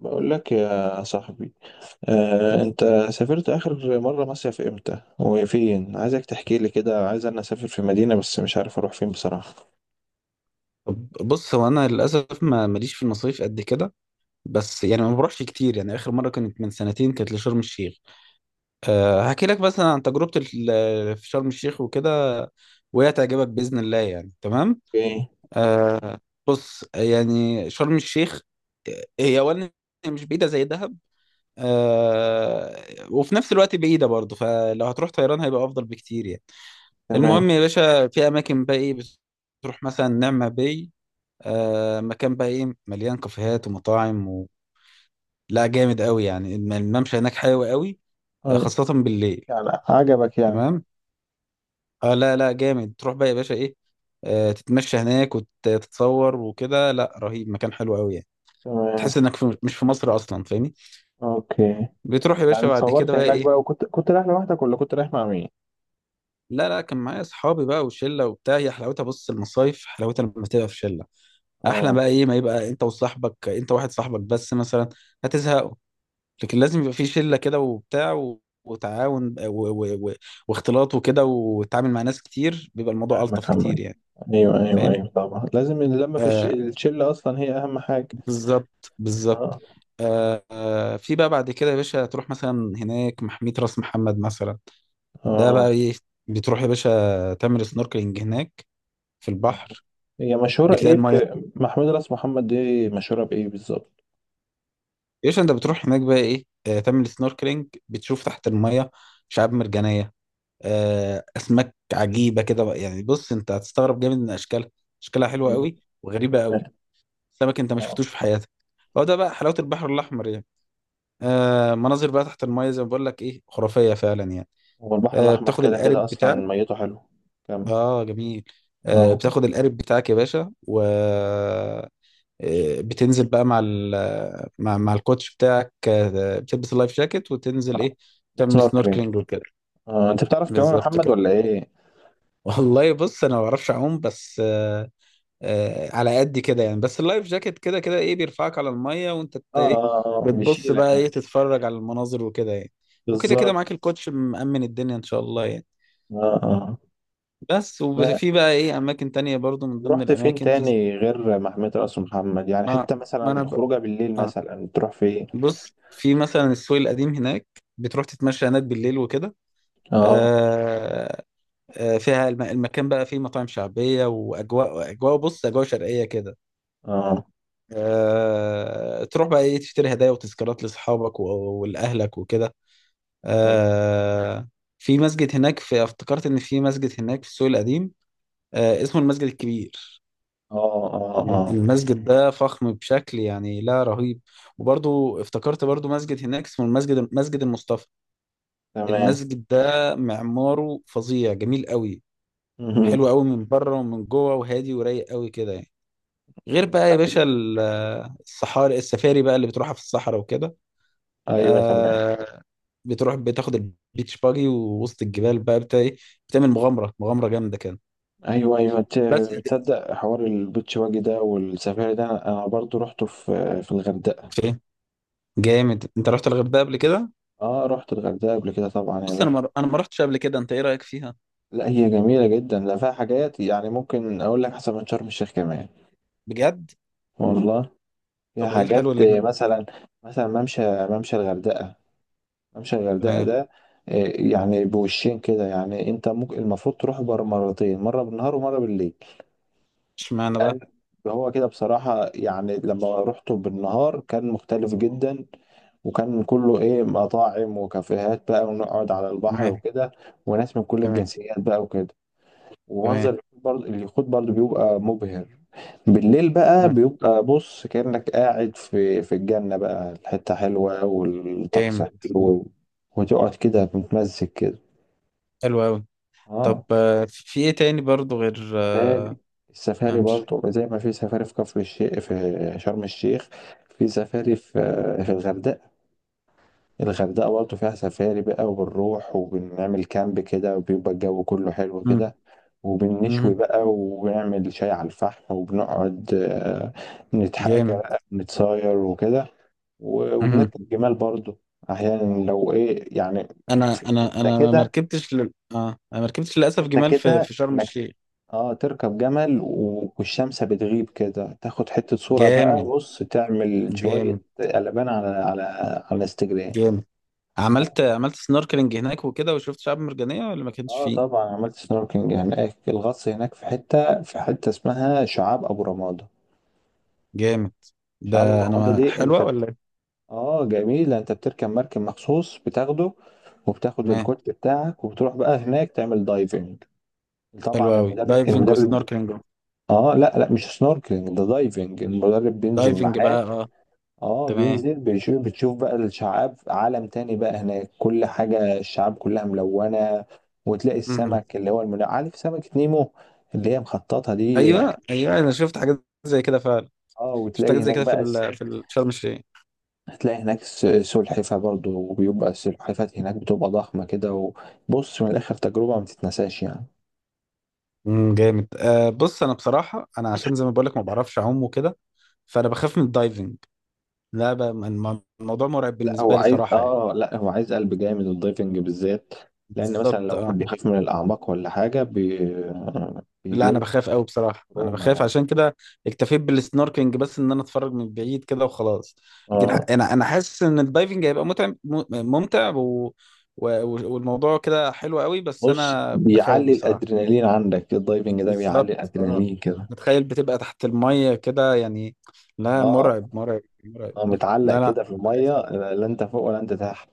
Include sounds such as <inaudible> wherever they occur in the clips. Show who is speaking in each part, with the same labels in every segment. Speaker 1: بقول لك يا صاحبي. انت سافرت اخر مره مصيف امتى وفين؟ عايزك تحكي لي كده. عايز انا اسافر في مدينه بس مش عارف اروح فين بصراحه.
Speaker 2: طب بص، هو انا للاسف ما ماليش في المصايف قد كده. بس يعني ما بروحش كتير. يعني اخر مره كانت من سنتين، كانت لشرم الشيخ. أه، هحكي لك مثلا عن تجربتي في شرم الشيخ وكده، وهي تعجبك باذن الله يعني. تمام،
Speaker 1: اوكي.
Speaker 2: أه. بص يعني شرم الشيخ، آه، هي اولا هي مش بعيده زي دهب. أه، وفي نفس الوقت بعيده برضه، فلو هتروح طيران هيبقى افضل بكتير يعني. المهم
Speaker 1: تمام.
Speaker 2: يا باشا، في اماكن بقى ايه، بتروح مثلا نعمة باي. آه، مكان بقى ايه، مليان كافيهات ومطاعم لا جامد قوي يعني. الممشى هناك حلو قوي، آه،
Speaker 1: أي.
Speaker 2: خاصة بالليل.
Speaker 1: يعني عجبك يعني؟
Speaker 2: تمام. اه، لا لا، جامد. تروح بقى يا باشا ايه، آه، تتمشى هناك وتتصور وكده. لا رهيب، مكان حلو قوي يعني.
Speaker 1: تمام.
Speaker 2: تحس انك مش في مصر اصلا، فاهمني.
Speaker 1: اوكي.
Speaker 2: بتروح يا باشا
Speaker 1: يعني
Speaker 2: بعد كده
Speaker 1: اتصورت
Speaker 2: بقى
Speaker 1: هناك
Speaker 2: ايه.
Speaker 1: بقى، وكنت كنت رايح لوحدك ولا كنت رايح مع مين؟
Speaker 2: لا لا، كان معايا اصحابي بقى وشله وبتاع. هي حلاوتها، بص، المصايف حلاوتها لما تبقى في شله. احلى
Speaker 1: اه.
Speaker 2: بقى ايه، ما يبقى انت وصاحبك، انت واحد صاحبك بس مثلا هتزهق. لكن لازم يبقى في شله كده وبتاع وتعاون واختلاط وكده، وتتعامل مع ناس كتير، بيبقى الموضوع الطف
Speaker 1: فاهمك
Speaker 2: كتير
Speaker 1: عمال.
Speaker 2: يعني.
Speaker 1: ايوه، ايوه،
Speaker 2: فاهم،
Speaker 1: ايوه، طبعا لازم اللمه في
Speaker 2: آه،
Speaker 1: الشله، اصلا هي اهم حاجه.
Speaker 2: بالظبط بالظبط.
Speaker 1: اه،
Speaker 2: آه، في بقى بعد كده يا باشا، تروح مثلا هناك محمية راس محمد مثلا. ده بقى
Speaker 1: اه،
Speaker 2: ايه، بتروح يا باشا تعمل سنوركلينج هناك في
Speaker 1: آه.
Speaker 2: البحر.
Speaker 1: هي مشهورة
Speaker 2: بتلاقي
Speaker 1: ايه
Speaker 2: الميه،
Speaker 1: محمود راس محمد دي مشهورة بايه بالظبط؟
Speaker 2: يا باشا انت بتروح هناك بقى ايه، آه، تعمل سنوركلينج، بتشوف تحت الميه شعاب مرجانيه، آه، اسماك عجيبه كده بقى. يعني بص، انت هتستغرب جامد من اشكالها. اشكالها حلوه
Speaker 1: ايوه،
Speaker 2: قوي وغريبه
Speaker 1: تمام.
Speaker 2: قوي. سمك انت ما
Speaker 1: اه.
Speaker 2: شفتوش في حياتك. هو ده بقى حلاوه البحر الاحمر يعني. آه، مناظر بقى تحت المايه زي ما بقول لك ايه، خرافيه فعلا يعني.
Speaker 1: هو البحر
Speaker 2: آه،
Speaker 1: الاحمر
Speaker 2: بتاخد
Speaker 1: كده كده
Speaker 2: القارب بتاعك.
Speaker 1: اصلا ميته حلو. كمل.
Speaker 2: اه جميل. آه،
Speaker 1: اه،
Speaker 2: بتاخد القارب بتاعك يا باشا، و آه، بتنزل بقى مع ال مع الكوتش بتاعك، آه، بتلبس اللايف جاكيت وتنزل ايه، تعمل
Speaker 1: سنوركلينج.
Speaker 2: سنوركلينج وكده.
Speaker 1: اه انت بتعرف تعوم يا
Speaker 2: بالظبط
Speaker 1: محمد
Speaker 2: كده.
Speaker 1: ولا ايه؟
Speaker 2: <laughs> والله بص انا ما بعرفش اعوم، بس آه، آه، على قد كده يعني. بس اللايف جاكيت كده كده ايه، بيرفعك على الميه وانت
Speaker 1: اه،
Speaker 2: ايه،
Speaker 1: اه،
Speaker 2: بتبص
Speaker 1: بيشيلك
Speaker 2: بقى ايه،
Speaker 1: يعني.
Speaker 2: تتفرج على المناظر وكده يعني. وكده كده
Speaker 1: بالظبط.
Speaker 2: معاك الكوتش، مأمن الدنيا ان شاء الله يعني.
Speaker 1: اه، اه.
Speaker 2: بس
Speaker 1: ما
Speaker 2: وفي بقى ايه اماكن تانية برضو، من ضمن
Speaker 1: رحت فين
Speaker 2: الاماكن في
Speaker 1: تاني غير محمود راس محمد؟ يعني
Speaker 2: ما,
Speaker 1: حتة
Speaker 2: ما انا
Speaker 1: مثلا
Speaker 2: ب...
Speaker 1: خروجه بالليل
Speaker 2: آه.
Speaker 1: مثلا تروح فين؟
Speaker 2: بص، في مثلا السوق القديم هناك، بتروح تتمشى هناك بالليل وكده،
Speaker 1: اه،
Speaker 2: آه آه، فيها المكان بقى فيه مطاعم شعبية واجواء، بص اجواء شرقية كده،
Speaker 1: اه،
Speaker 2: آه، تروح بقى ايه تشتري هدايا وتذكارات لاصحابك ولاهلك وكده،
Speaker 1: تم-
Speaker 2: آه، في مسجد هناك، في افتكرت ان في مسجد هناك في السوق القديم، آه، اسمه المسجد الكبير.
Speaker 1: اه، اه، اه،
Speaker 2: المسجد ده فخم بشكل يعني لا رهيب. وبرضو افتكرت برضو مسجد هناك اسمه مسجد المصطفى.
Speaker 1: تمام.
Speaker 2: المسجد ده معماره فظيع، جميل قوي،
Speaker 1: مهم.
Speaker 2: حلو قوي من بره ومن جوه، وهادي ورايق قوي كده يعني. غير بقى يا باشا الصحاري، السفاري بقى اللي بتروحها في الصحراء وكده.
Speaker 1: ايوه، تمام.
Speaker 2: آه، بتروح بتاخد البيتش باجي ووسط الجبال بقى بتاع ايه، بتعمل مغامره جامده كده.
Speaker 1: ايوه، ايوه،
Speaker 2: بس.
Speaker 1: تصدق حوار البيتش واجي ده والسفاري ده انا برضو رحته في الغردقه.
Speaker 2: فين؟ جامد، انت رحت الغردقه قبل كده.
Speaker 1: اه رحت الغردقه قبل كده طبعا يا
Speaker 2: بص انا
Speaker 1: باشا.
Speaker 2: ما رحتش قبل كده، انت ايه رايك فيها.
Speaker 1: لا هي جميله جدا، لا فيها حاجات يعني ممكن اقول لك احسن من شرم الشيخ كمان.
Speaker 2: بجد؟
Speaker 1: والله فيها
Speaker 2: طب ايه الحلو
Speaker 1: حاجات،
Speaker 2: اللي هناك.
Speaker 1: مثلا. مثلا ممشى الغردقه. ممشى الغردقه
Speaker 2: تمام.
Speaker 1: ده، يعني بوشين كده. يعني انت ممكن المفروض تروح بر مرتين، مره بالنهار ومره بالليل.
Speaker 2: اشمعنى
Speaker 1: لان
Speaker 2: بقى.
Speaker 1: هو كده بصراحه، يعني لما رحته بالنهار كان مختلف جدا. وكان كله ايه، مطاعم وكافيهات بقى، ونقعد على البحر
Speaker 2: تمام.
Speaker 1: وكده. وناس من كل
Speaker 2: تمام.
Speaker 1: الجنسيات بقى وكده. ومنظر
Speaker 2: تمام.
Speaker 1: اليخوت برضه بيبقى مبهر. بالليل بقى
Speaker 2: تمام.
Speaker 1: بيبقى، بص كأنك قاعد في الجنة بقى، الحتة حلوة والطقس
Speaker 2: جامد.
Speaker 1: حلو. وتقعد كده متمزج كده.
Speaker 2: حلو قوي. طب
Speaker 1: اه.
Speaker 2: آه، في في ايه تاني برضو غير
Speaker 1: سفاري.
Speaker 2: آه،
Speaker 1: السفاري
Speaker 2: ممشى.
Speaker 1: برضه زي ما في سفاري في كفر الشيخ في شرم الشيخ. في سفاري في الغردقة. الغردقة برضه فيها سفاري بقى، وبنروح وبنعمل كامب كده، وبيبقى الجو كله حلو
Speaker 2: مم،
Speaker 1: كده. وبنشوي
Speaker 2: مم،
Speaker 1: بقى، وبنعمل شاي على الفحم، وبنقعد نتحاكى
Speaker 2: جامد.
Speaker 1: بقى، نتصاير وكده.
Speaker 2: مم.
Speaker 1: وبنركب جمال برضه أحيانا لو إيه يعني.
Speaker 2: انا
Speaker 1: في
Speaker 2: انا
Speaker 1: حتة
Speaker 2: انا ما
Speaker 1: كده.
Speaker 2: ركبتش اه، انا ما ركبتش للاسف
Speaker 1: حتة
Speaker 2: جمال في
Speaker 1: كده
Speaker 2: في شرم
Speaker 1: إنك
Speaker 2: الشيخ.
Speaker 1: اه تركب جمل، والشمس بتغيب كده، تاخد حتة صورة بقى،
Speaker 2: جامد.
Speaker 1: بص تعمل شوية
Speaker 2: جامد.
Speaker 1: قلبان على على انستجرام.
Speaker 2: جامد. عملت عملت سنوركلينج هناك وكده، وشفت شعاب مرجانية ولا ما كانش
Speaker 1: اه
Speaker 2: فيه.
Speaker 1: طبعا، عملت سنوركينج هناك، الغطس هناك في حته اسمها شعاب ابو رمادة.
Speaker 2: جامد.
Speaker 1: شعاب ابو
Speaker 2: ده انا
Speaker 1: رمادة
Speaker 2: ما
Speaker 1: دي انت
Speaker 2: حلوة ولا إيه؟
Speaker 1: اه جميله. انت بتركب مركب مخصوص بتاخده، وبتاخد
Speaker 2: تمام.
Speaker 1: الكوت بتاعك وبتروح بقى هناك تعمل دايفنج.
Speaker 2: حلوة
Speaker 1: طبعا
Speaker 2: قوي
Speaker 1: المدرب
Speaker 2: دايفنج
Speaker 1: المدرب
Speaker 2: وسنوركلينج.
Speaker 1: اه، لا لا، مش سنوركلينج ده دايفنج. المدرب بينزل
Speaker 2: دايفنج بقى
Speaker 1: معاك.
Speaker 2: اه.
Speaker 1: اه
Speaker 2: تمام.
Speaker 1: بينزل، بتشوف بقى الشعاب، عالم تاني بقى هناك، كل حاجة الشعاب كلها ملونة. وتلاقي
Speaker 2: مهم.
Speaker 1: السمك اللي هو عارف سمكة نيمو اللي هي مخططة دي؟
Speaker 2: ايوه ايوه، انا شفت حاجات زي كده فعلا.
Speaker 1: اه.
Speaker 2: شفت حاجات
Speaker 1: وتلاقي
Speaker 2: زي
Speaker 1: هناك
Speaker 2: كده في
Speaker 1: بقى
Speaker 2: في شرم الشيخ.
Speaker 1: هتلاقي هناك سلحفة برضو. وبيبقى السلحفات هناك بتبقى ضخمة كده. وبص من الآخر تجربة ما تتنساش يعني.
Speaker 2: امم. جامد آه. بص انا بصراحة، انا عشان زي ما بقول لك ما بعرفش اعوم وكده، فانا بخاف من الدايفنج. لا بقى الموضوع مرعب بالنسبة لي صراحة يعني.
Speaker 1: لا هو عايز قلب جامد الدايفنج بالذات. لأن مثلا
Speaker 2: بالظبط
Speaker 1: لو
Speaker 2: اه.
Speaker 1: واحد بيخاف من الأعماق ولا حاجة
Speaker 2: لا انا
Speaker 1: بيجيله
Speaker 2: بخاف قوي بصراحه، انا
Speaker 1: تروما
Speaker 2: بخاف.
Speaker 1: يعني.
Speaker 2: عشان كده اكتفيت بالسنوركينج بس، ان انا اتفرج من بعيد كده وخلاص. لكن
Speaker 1: اه
Speaker 2: انا حاسس ان الدايفنج هيبقى ممتع و... والموضوع كده حلو قوي، بس
Speaker 1: بص،
Speaker 2: انا بخاف
Speaker 1: بيعلي
Speaker 2: بصراحه.
Speaker 1: الادرينالين عندك إيه الدايفنج ده، بيعلي
Speaker 2: بالظبط اه.
Speaker 1: الادرينالين كده.
Speaker 2: بتخيل بتبقى تحت الميه كده يعني، لا
Speaker 1: اه،
Speaker 2: مرعب مرعب مرعب.
Speaker 1: اه متعلق
Speaker 2: لا لا.
Speaker 1: كده في الميه، لا لا، انت فوق ولا انت تحت؟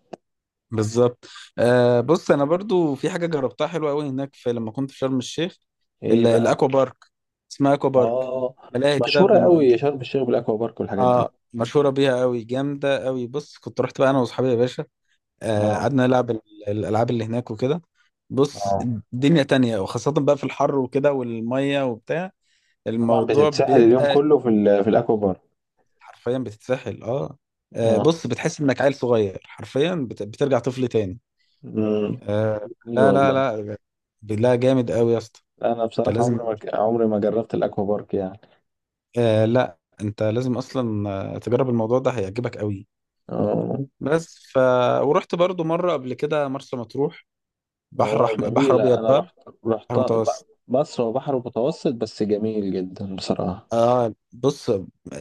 Speaker 2: بالظبط. آه بص، انا برضو في حاجه جربتها حلوه قوي هناك، في لما كنت في شرم الشيخ،
Speaker 1: ايه
Speaker 2: الاكوا
Speaker 1: بقى؟
Speaker 2: بارك. اسمها اكوا بارك،
Speaker 1: اه
Speaker 2: ملاهي كده
Speaker 1: مشهوره قوي شرم الشيخ بالاكوا بارك والحاجات دي.
Speaker 2: اه، مشهوره بيها قوي، جامده قوي. بص، كنت رحت بقى انا واصحابي يا باشا، آه،
Speaker 1: اه،
Speaker 2: قعدنا نلعب الالعاب اللي هناك وكده. بص،
Speaker 1: اه
Speaker 2: دنيا تانية. وخاصه بقى في الحر وكده، والميه وبتاع،
Speaker 1: طبعا
Speaker 2: الموضوع
Speaker 1: بتتسحل اليوم
Speaker 2: بيبقى
Speaker 1: كله في الاكوا بارك.
Speaker 2: حرفيا بتتسحل. اه آه،
Speaker 1: اه.
Speaker 2: بص بتحس انك عيل صغير حرفيا، بترجع طفل تاني.
Speaker 1: امم
Speaker 2: آه.
Speaker 1: جميل
Speaker 2: لا لا
Speaker 1: والله.
Speaker 2: لا. لا جامد قوي يا اسطى.
Speaker 1: انا
Speaker 2: انت
Speaker 1: بصراحه
Speaker 2: لازم،
Speaker 1: عمري ما ك- عمري ما جربت الاكوا بارك يعني.
Speaker 2: آه لا، انت لازم اصلا، آه، تجرب الموضوع ده، هيعجبك قوي.
Speaker 1: اه،
Speaker 2: بس ف، ورحت برضو مره قبل كده مرسى مطروح.
Speaker 1: اه
Speaker 2: بحر
Speaker 1: جميله.
Speaker 2: ابيض
Speaker 1: انا
Speaker 2: بقى،
Speaker 1: رحت،
Speaker 2: بحر
Speaker 1: رحت
Speaker 2: متوسط.
Speaker 1: مصر وبحر متوسط بس جميل جدا بصراحه.
Speaker 2: اه بص،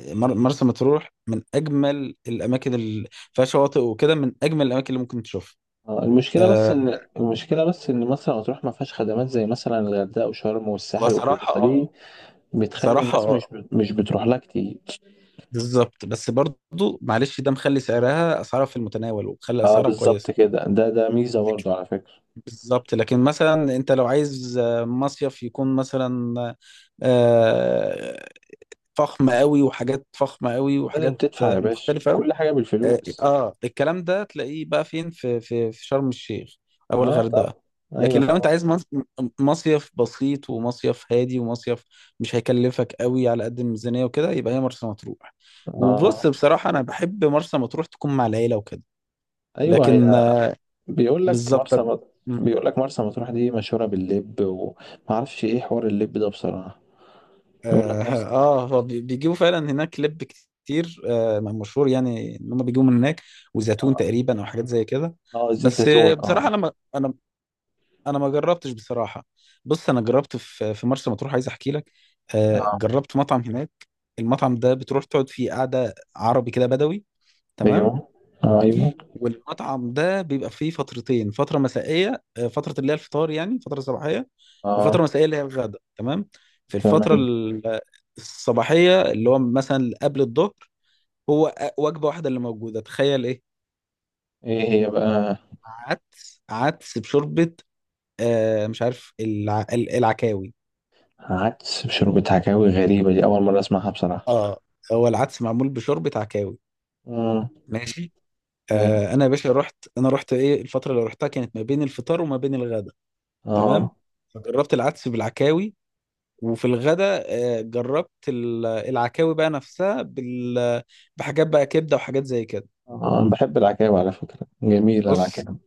Speaker 2: مرسى مطروح من اجمل الاماكن اللي فيها شواطئ وكده، من اجمل الاماكن اللي ممكن تشوفها.
Speaker 1: المشكلة بس
Speaker 2: آه،
Speaker 1: إن مرسى مطروح ما فيهاش خدمات زي مثلا الغردقة وشرم والساحل وكده،
Speaker 2: بصراحه اه.
Speaker 1: فدي بتخلي
Speaker 2: بصراحه
Speaker 1: الناس
Speaker 2: اه.
Speaker 1: مش مش بتروح لها كتير.
Speaker 2: بالظبط، بس برضو معلش، ده مخلي اسعارها في المتناول، ومخلي
Speaker 1: اه
Speaker 2: اسعارها
Speaker 1: بالظبط
Speaker 2: كويسه.
Speaker 1: كده، ده ميزة برضه على فكرة.
Speaker 2: بالظبط. لكن مثلا انت لو عايز آه، مصيف يكون مثلا آه، فخم قوي، وحاجات فخمة قوي،
Speaker 1: لازم
Speaker 2: وحاجات
Speaker 1: تدفع يا
Speaker 2: آه،
Speaker 1: باشا
Speaker 2: مختلفة قوي.
Speaker 1: كل حاجة
Speaker 2: اه
Speaker 1: بالفلوس.
Speaker 2: آه، الكلام ده تلاقيه بقى فين، في في في شرم الشيخ او
Speaker 1: اه طبعا.
Speaker 2: الغردقة.
Speaker 1: ايوه
Speaker 2: لكن لو انت عايز
Speaker 1: طبعا.
Speaker 2: مصيف بسيط، ومصيف هادي، ومصيف مش هيكلفك قوي على قد الميزانية وكده، يبقى هي مرسى مطروح. وبص
Speaker 1: اه
Speaker 2: بصراحة انا بحب مرسى مطروح تكون مع العيلة وكده.
Speaker 1: ايوه
Speaker 2: لكن
Speaker 1: هي.
Speaker 2: آه،
Speaker 1: بيقول لك
Speaker 2: بالظبط
Speaker 1: بيقول لك مرسى مطروح دي مشهورة باللب، وما اعرفش ايه حوار اللب ده بصراحة. بيقول
Speaker 2: اه.
Speaker 1: لك مرسى.
Speaker 2: آه، بيجيبوا فعلا هناك لب كتير، آه مشهور يعني ان هم بيجيبوا من هناك، وزيتون تقريبا او حاجات زي كده.
Speaker 1: اه، زيت
Speaker 2: بس
Speaker 1: زيتون
Speaker 2: آه، بصراحه
Speaker 1: اه.
Speaker 2: انا انا ما جربتش بصراحه. بص انا جربت في في مرسى مطروح، عايز احكي لك، آه
Speaker 1: اه،
Speaker 2: جربت مطعم هناك. المطعم ده بتروح تقعد فيه قعده عربي كده، بدوي. تمام.
Speaker 1: ايوه، ايوه.
Speaker 2: والمطعم ده بيبقى فيه فترتين، فترة مسائية آه، فترة اللي هي الفطار يعني، فترة صباحية،
Speaker 1: اه،
Speaker 2: وفترة مسائية اللي هي الغداء. تمام. في الفترة
Speaker 1: تمام.
Speaker 2: آه، الصباحية اللي هو مثلا قبل الظهر، هو وجبة واحدة اللي موجودة، تخيل ايه،
Speaker 1: ايه هي بقى؟
Speaker 2: عدس بشوربة، آه مش عارف العكاوي.
Speaker 1: عدس بشوربة عكاوي؟ غريبة دي، أول مرة أسمعها بصراحة.
Speaker 2: اه، هو العدس معمول بشوربة عكاوي.
Speaker 1: امم.
Speaker 2: ماشي.
Speaker 1: أيوة.
Speaker 2: آه، انا يا باشا رحت، انا رحت ايه، الفترة اللي رحتها كانت ما بين الفطار وما بين الغداء. تمام.
Speaker 1: اه،
Speaker 2: فجربت العدس بالعكاوي. وفي الغداء آه، جربت العكاوي بقى نفسها بحاجات بقى، كبده وحاجات زي كده.
Speaker 1: أنا بحب العكاوي على فكرة، جميلة
Speaker 2: بص،
Speaker 1: العكاوي.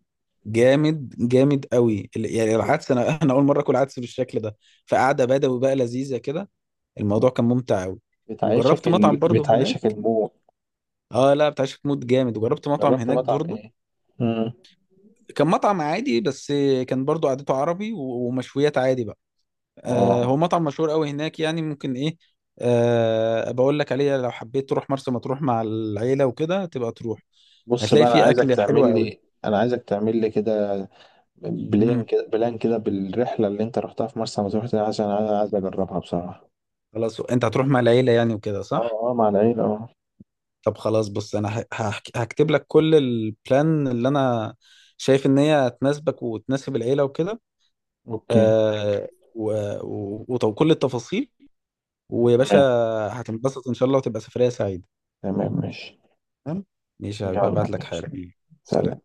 Speaker 2: جامد جامد قوي يعني العدس، انا اول مره اكل عدس بالشكل ده. فقعده بدوي بقى لذيذه كده، الموضوع كان ممتع قوي.
Speaker 1: بتعيشك
Speaker 2: وجربت مطعم برضه هناك.
Speaker 1: بتعيشك المود.
Speaker 2: اه لا، بتاع شيخ، مود جامد. وجربت مطعم
Speaker 1: جربت
Speaker 2: هناك
Speaker 1: مطعم
Speaker 2: برضه،
Speaker 1: ايه؟ امم.
Speaker 2: كان مطعم عادي بس، كان برضه قعدته عربي ومشويات عادي بقى. آه،
Speaker 1: اه
Speaker 2: هو مطعم مشهور قوي هناك يعني، ممكن ايه، آه، بقول لك عليه لو حبيت تروح مرسى مطروح مع العيله وكده تبقى تروح،
Speaker 1: بص
Speaker 2: هتلاقي
Speaker 1: بقى،
Speaker 2: فيه اكل حلو قوي.
Speaker 1: أنا عايزك تعمل لي كده، بلان
Speaker 2: امم.
Speaker 1: كده، بلان كده، بالرحلة اللي أنت رحتها في مرسى مطروح دي، عشان أنا عايز أجربها بصراحة.
Speaker 2: خلاص، انت هتروح مع العيله يعني وكده،
Speaker 1: اه،
Speaker 2: صح؟
Speaker 1: اه مع العيلة اه.
Speaker 2: طب خلاص، بص انا هكتب لك كل البلان اللي انا شايف ان هي تناسبك وتناسب العيله وكده،
Speaker 1: أوكي.
Speaker 2: آه، وكل التفاصيل. ويا باشا
Speaker 1: تمام.
Speaker 2: هتنبسط ان شاء الله، وتبقى سفريه سعيده.
Speaker 1: تمام ماشي.
Speaker 2: تمام، ماشي.
Speaker 1: يلا
Speaker 2: هبعت لك
Speaker 1: ماشي.
Speaker 2: حالا. سلام.
Speaker 1: سلام.